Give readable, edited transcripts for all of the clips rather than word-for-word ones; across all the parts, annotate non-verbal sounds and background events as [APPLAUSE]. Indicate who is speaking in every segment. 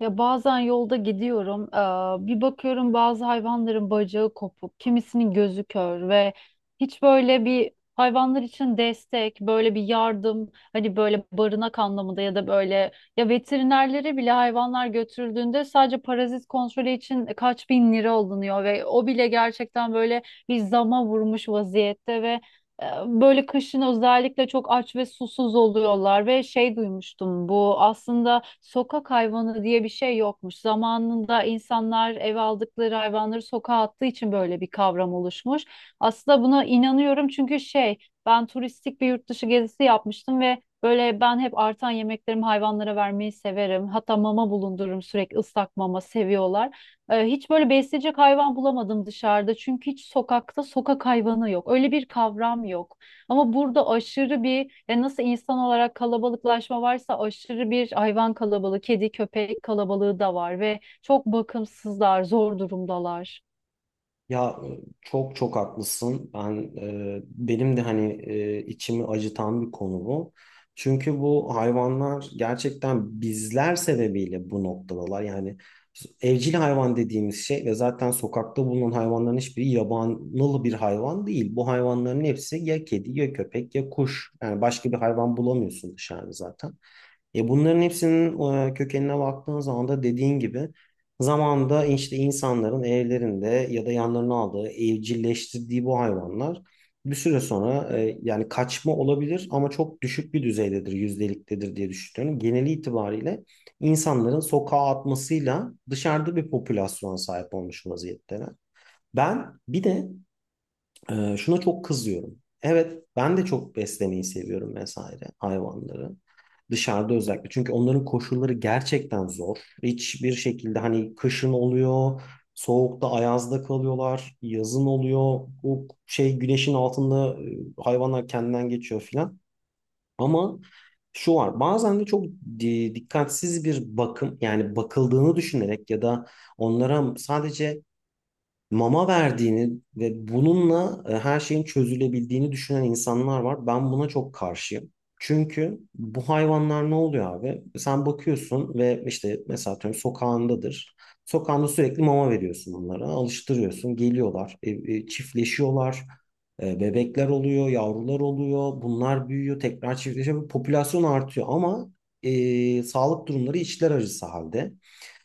Speaker 1: Ya bazen yolda gidiyorum, bir bakıyorum, bazı hayvanların bacağı kopuk, kimisinin gözü kör ve hiç böyle bir hayvanlar için destek, böyle bir yardım, hani böyle barınak anlamında ya da böyle ya veterinerlere bile hayvanlar götürüldüğünde sadece parazit kontrolü için kaç bin lira alınıyor ve o bile gerçekten böyle bir zama vurmuş vaziyette ve böyle kışın özellikle çok aç ve susuz oluyorlar ve şey duymuştum, bu aslında sokak hayvanı diye bir şey yokmuş. Zamanında insanlar eve aldıkları hayvanları sokağa attığı için böyle bir kavram oluşmuş. Aslında buna inanıyorum çünkü şey, ben turistik bir yurt dışı gezisi yapmıştım ve böyle ben hep artan yemeklerimi hayvanlara vermeyi severim. Hatta mama bulundururum, sürekli ıslak mama seviyorlar. Hiç böyle besleyecek hayvan bulamadım dışarıda. Çünkü hiç sokakta sokak hayvanı yok. Öyle bir kavram yok. Ama burada aşırı bir, yani nasıl insan olarak kalabalıklaşma varsa aşırı bir hayvan kalabalığı, kedi, köpek kalabalığı da var ve çok bakımsızlar, zor durumdalar.
Speaker 2: Ya çok çok haklısın. Benim de hani, içimi acıtan bir konu bu. Çünkü bu hayvanlar gerçekten bizler sebebiyle bu noktadalar. Yani evcil hayvan dediğimiz şey ve zaten sokakta bulunan hayvanların hiçbiri yabanıl bir hayvan değil. Bu hayvanların hepsi ya kedi ya köpek ya kuş. Yani başka bir hayvan bulamıyorsun dışarıda zaten. Bunların hepsinin, kökenine baktığın zaman da dediğin gibi zamanda işte insanların evlerinde ya da yanlarına aldığı, evcilleştirdiği bu hayvanlar bir süre sonra, yani kaçma olabilir ama çok düşük bir düzeydedir, yüzdeliktedir diye düşünüyorum. Geneli itibariyle insanların sokağa atmasıyla dışarıda bir popülasyona sahip olmuş vaziyetteler. Ben bir de şuna çok kızıyorum. Evet, ben de çok beslemeyi seviyorum vesaire hayvanları. Dışarıda özellikle. Çünkü onların koşulları gerçekten zor. Hiçbir şekilde hani kışın oluyor, soğukta, ayazda kalıyorlar, yazın oluyor. O şey güneşin altında hayvanlar kendinden geçiyor filan. Ama şu var. Bazen de çok dikkatsiz bir bakım, yani bakıldığını düşünerek ya da onlara sadece mama verdiğini ve bununla her şeyin çözülebildiğini düşünen insanlar var. Ben buna çok karşıyım. Çünkü bu hayvanlar ne oluyor abi? Sen bakıyorsun ve işte mesela atıyorum sokağındadır. Sokağında sürekli mama veriyorsun onlara. Alıştırıyorsun. Geliyorlar. Çiftleşiyorlar. Bebekler oluyor. Yavrular oluyor. Bunlar büyüyor. Tekrar çiftleşiyor. Popülasyon artıyor ama sağlık durumları içler acısı halde.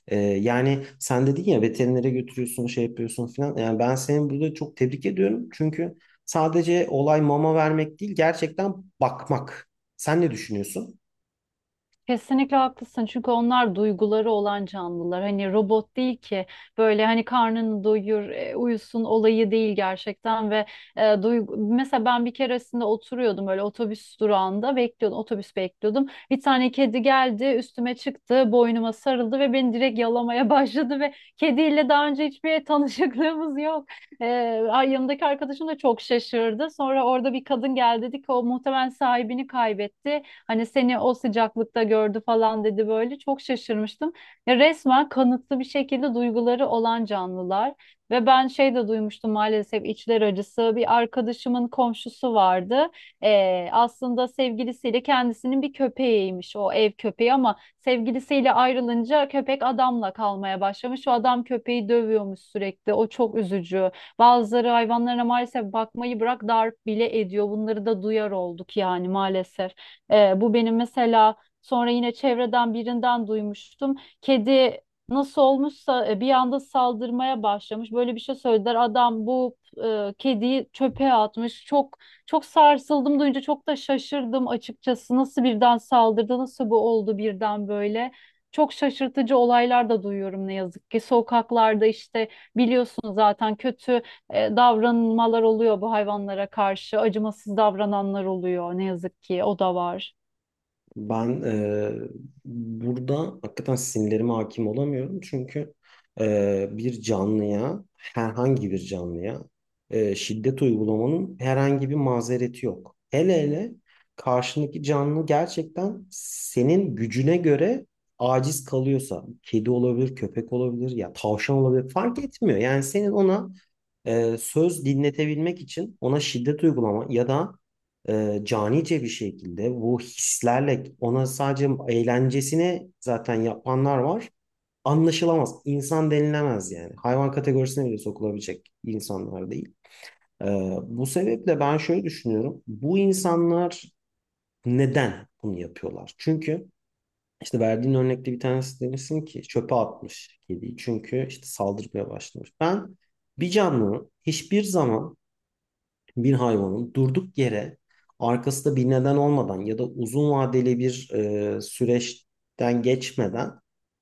Speaker 2: Yani sen dedin ya, veterinere götürüyorsun, şey yapıyorsun falan. Yani ben seni burada çok tebrik ediyorum. Çünkü sadece olay mama vermek değil, gerçekten bakmak. Sen ne düşünüyorsun?
Speaker 1: Kesinlikle haklısın çünkü onlar duyguları olan canlılar, hani robot değil ki, böyle hani karnını doyur, uyusun olayı değil gerçekten. Ve duygu, mesela ben bir keresinde oturuyordum öyle, otobüs durağında bekliyordum, otobüs bekliyordum, bir tane kedi geldi, üstüme çıktı, boynuma sarıldı ve beni direkt yalamaya [LAUGHS] başladı ve kediyle daha önce hiçbir tanışıklığımız yok. e, Yanımdaki arkadaşım da çok şaşırdı. Sonra orada bir kadın geldi, dedi ki o muhtemelen sahibini kaybetti. Hani seni o sıcaklıkta gördü falan dedi böyle. Çok şaşırmıştım. Ya resmen kanıtlı bir şekilde duyguları olan canlılar. Ve ben şey de duymuştum, maalesef içler acısı. Bir arkadaşımın komşusu vardı. Aslında sevgilisiyle kendisinin bir köpeğiymiş, o ev köpeği, ama sevgilisiyle ayrılınca köpek adamla kalmaya başlamış. O adam köpeği dövüyormuş sürekli. O çok üzücü. Bazıları hayvanlara maalesef bakmayı bırak, darp bile ediyor. Bunları da duyar olduk yani, maalesef. Bu benim mesela, sonra yine çevreden birinden duymuştum. Kedi nasıl olmuşsa bir anda saldırmaya başlamış. Böyle bir şey söylediler. Adam bu kediyi çöpe atmış. Çok sarsıldım duyunca, çok da şaşırdım açıkçası. Nasıl birden saldırdı? Nasıl bu oldu birden böyle? Çok şaşırtıcı olaylar da duyuyorum ne yazık ki. Sokaklarda işte biliyorsun zaten kötü davranmalar oluyor bu hayvanlara karşı. Acımasız davrananlar oluyor ne yazık ki, o da var.
Speaker 2: Ben burada hakikaten sinirlerime hakim olamıyorum. Çünkü bir canlıya, herhangi bir canlıya şiddet uygulamanın herhangi bir mazereti yok. Hele hele karşındaki canlı gerçekten senin gücüne göre aciz kalıyorsa, kedi olabilir, köpek olabilir, ya tavşan olabilir, fark etmiyor. Yani senin ona söz dinletebilmek için ona şiddet uygulama ya da canice bir şekilde bu hislerle ona sadece eğlencesini zaten yapanlar var. Anlaşılamaz. İnsan denilemez yani. Hayvan kategorisine bile sokulabilecek insanlar değil. E, Bu sebeple ben şöyle düşünüyorum. Bu insanlar neden bunu yapıyorlar? Çünkü işte verdiğin örnekte bir tanesi, demişsin ki çöpe atmış kediyi. Çünkü işte saldırmaya başlamış. Ben bir canlı hiçbir zaman bir hayvanın durduk yere, arkasında bir neden olmadan ya da uzun vadeli bir süreçten geçmeden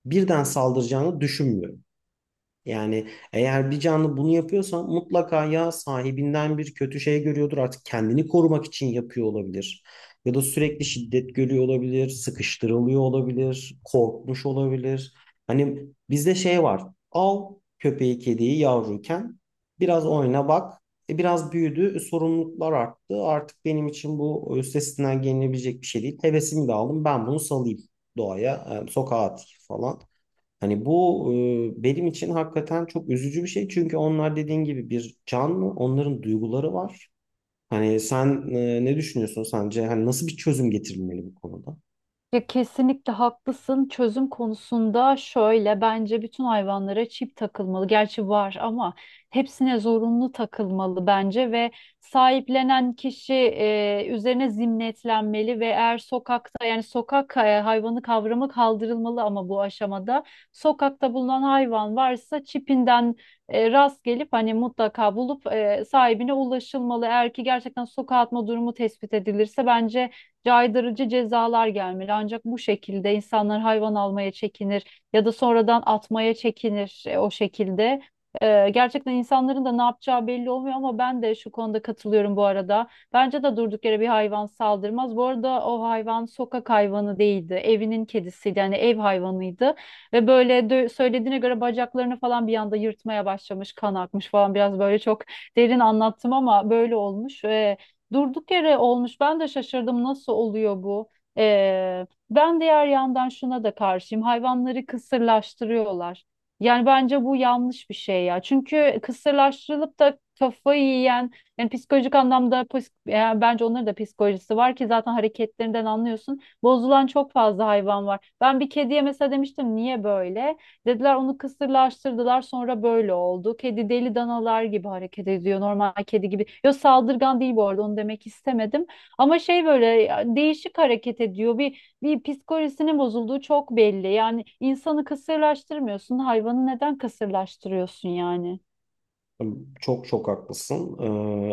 Speaker 2: birden saldıracağını düşünmüyorum. Yani eğer bir canlı bunu yapıyorsa mutlaka ya sahibinden bir kötü şey görüyordur. Artık kendini korumak için yapıyor olabilir. Ya da sürekli şiddet görüyor olabilir, sıkıştırılıyor olabilir, korkmuş olabilir. Hani bizde şey var. Al köpeği kediyi yavruyken biraz oyna bak. Biraz büyüdü, sorumluluklar arttı. Artık benim için bu üstesinden gelinebilecek bir şey değil. Hevesimi de aldım. Ben bunu salayım doğaya, sokağa atayım falan. Hani bu benim için hakikaten çok üzücü bir şey. Çünkü onlar dediğin gibi bir canlı, onların duyguları var. Hani sen ne düşünüyorsun sence? Hani nasıl bir çözüm getirilmeli bu konuda?
Speaker 1: Ya kesinlikle haklısın. Çözüm konusunda şöyle, bence bütün hayvanlara çip takılmalı. Gerçi var ama hepsine zorunlu takılmalı bence. Ve sahiplenen kişi üzerine zimmetlenmeli ve eğer sokakta, yani sokak hayvanı kavramı kaldırılmalı, ama bu aşamada sokakta bulunan hayvan varsa çipinden rast gelip hani mutlaka bulup sahibine ulaşılmalı. Eğer ki gerçekten sokağa atma durumu tespit edilirse bence caydırıcı cezalar gelmeli. Ancak bu şekilde insanlar hayvan almaya çekinir ya da sonradan atmaya çekinir, o şekilde. Gerçekten insanların da ne yapacağı belli olmuyor, ama ben de şu konuda katılıyorum bu arada. Bence de durduk yere bir hayvan saldırmaz. Bu arada o hayvan sokak hayvanı değildi. Evinin kedisiydi. Yani ev hayvanıydı. Ve böyle söylediğine göre bacaklarını falan bir anda yırtmaya başlamış, kan akmış falan. Biraz böyle çok derin anlattım ama böyle olmuş. Durduk yere olmuş. Ben de şaşırdım, nasıl oluyor bu? Ben diğer yandan şuna da karşıyım. Hayvanları kısırlaştırıyorlar. Yani bence bu yanlış bir şey ya. Çünkü kısırlaştırılıp da kafayı yiyen, yani psikolojik anlamda yani bence onların da psikolojisi var ki zaten hareketlerinden anlıyorsun. Bozulan çok fazla hayvan var. Ben bir kediye mesela demiştim, niye böyle? Dediler onu kısırlaştırdılar, sonra böyle oldu. Kedi deli danalar gibi hareket ediyor. Normal kedi gibi. Yok, saldırgan değil bu arada, onu demek istemedim. Ama şey böyle ya, değişik hareket ediyor. Bir psikolojisinin bozulduğu çok belli. Yani insanı kısırlaştırmıyorsun. Hayvanı neden kısırlaştırıyorsun yani?
Speaker 2: Çok çok haklısın.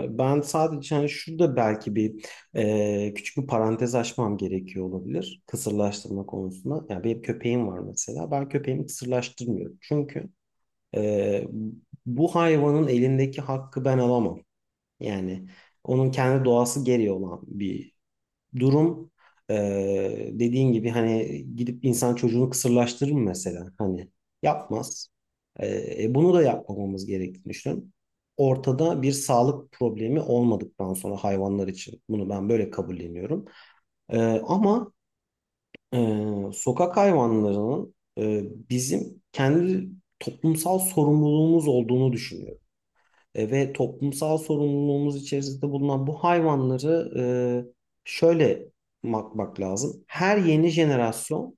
Speaker 2: Ben sadece hani şurada belki bir küçük bir parantez açmam gerekiyor olabilir. Kısırlaştırma konusunda. Yani benim köpeğim var mesela. Ben köpeğimi kısırlaştırmıyorum. Çünkü e, bu hayvanın elindeki hakkı ben alamam. Yani onun kendi doğası gereği olan bir durum. Dediğin gibi hani gidip insan çocuğunu kısırlaştırır mı mesela? Hani yapmaz. Bunu da yapmamamız gerektiğini düşünüyorum. Ortada bir sağlık problemi olmadıktan sonra hayvanlar için bunu ben böyle kabulleniyorum. Ee, Ama e, sokak hayvanlarının, bizim kendi toplumsal sorumluluğumuz olduğunu düşünüyorum. Ve toplumsal sorumluluğumuz içerisinde bulunan bu hayvanları şöyle bakmak lazım. Her yeni jenerasyon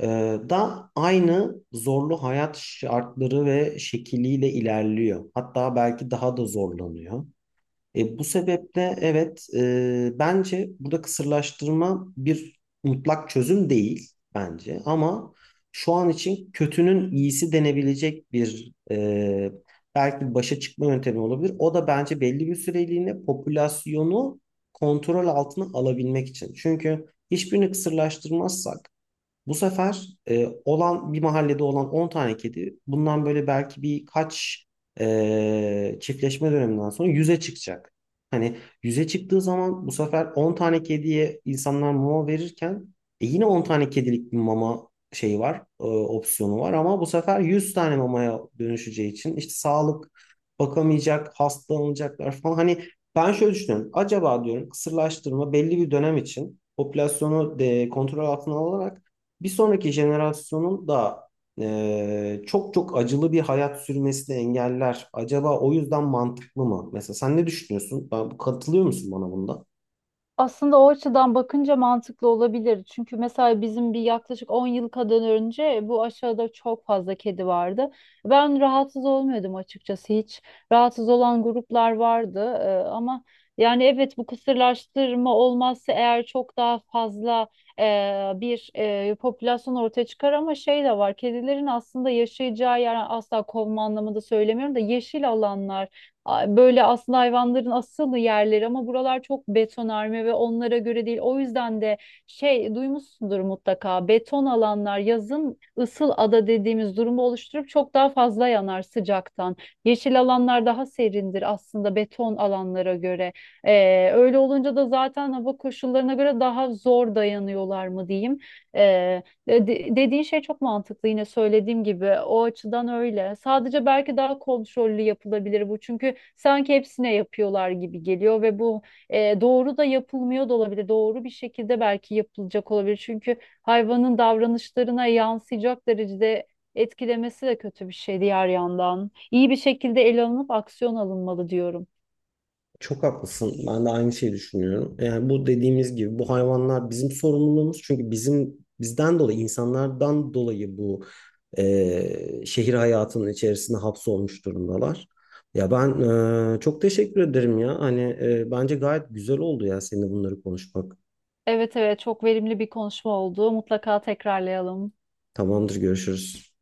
Speaker 2: e, da aynı zorlu hayat şartları ve şekliyle ilerliyor. Hatta belki daha da zorlanıyor. Bu sebeple evet, bence burada kısırlaştırma bir mutlak çözüm değil bence, ama şu an için kötünün iyisi denebilecek bir, belki başa çıkma yöntemi olabilir. O da bence belli bir süreliğine popülasyonu kontrol altına alabilmek için. Çünkü hiçbirini kısırlaştırmazsak bu sefer olan bir mahallede olan 10 tane kedi bundan böyle belki birkaç çiftleşme döneminden sonra 100'e çıkacak. Hani 100'e çıktığı zaman bu sefer 10 tane kediye insanlar mama verirken yine 10 tane kedilik bir mama şeyi var, opsiyonu var ama bu sefer 100 tane mamaya dönüşeceği için işte sağlık bakamayacak, hastalanacaklar falan. Hani ben şöyle düşünüyorum. Acaba diyorum kısırlaştırma belli bir dönem için popülasyonu de kontrol altına alarak bir sonraki jenerasyonun da çok çok acılı bir hayat sürmesini engeller. Acaba o yüzden mantıklı mı? Mesela sen ne düşünüyorsun? Katılıyor musun bana bunda?
Speaker 1: Aslında o açıdan bakınca mantıklı olabilir. Çünkü mesela bizim bir yaklaşık 10 yıl kadar önce bu aşağıda çok fazla kedi vardı. Ben rahatsız olmuyordum açıkçası hiç. Rahatsız olan gruplar vardı. Ama yani evet, bu kısırlaştırma olmazsa eğer çok daha fazla e, popülasyon ortaya çıkar, ama şey de var. Kedilerin aslında yaşayacağı yer, asla kovma anlamında söylemiyorum da, yeşil alanlar, böyle aslında hayvanların asıl yerleri, ama buralar çok betonarme ve onlara göre değil. O yüzden de şey duymuşsundur mutlaka, beton alanlar yazın ısıl ada dediğimiz durumu oluşturup çok daha fazla yanar sıcaktan. Yeşil alanlar daha serindir aslında beton alanlara göre. Öyle olunca da zaten hava koşullarına göre daha zor dayanıyorlar mı diyeyim. E, dediğin şey çok mantıklı, yine söylediğim gibi o açıdan öyle. Sadece belki daha kontrollü yapılabilir bu, çünkü sanki hepsine yapıyorlar gibi geliyor ve bu doğru da yapılmıyor da olabilir. Doğru bir şekilde belki yapılacak olabilir çünkü hayvanın davranışlarına yansıyacak derecede etkilemesi de kötü bir şey diğer yandan. İyi bir şekilde ele alınıp aksiyon alınmalı diyorum.
Speaker 2: Çok haklısın. Ben de aynı şeyi düşünüyorum. Yani bu dediğimiz gibi bu hayvanlar bizim sorumluluğumuz. Çünkü bizim, bizden dolayı, insanlardan dolayı bu şehir hayatının içerisinde hapsolmuş durumdalar. Ya ben çok teşekkür ederim ya. Hani bence gayet güzel oldu ya seninle bunları konuşmak.
Speaker 1: Evet evet, çok verimli bir konuşma oldu. Mutlaka tekrarlayalım.
Speaker 2: Tamamdır, görüşürüz.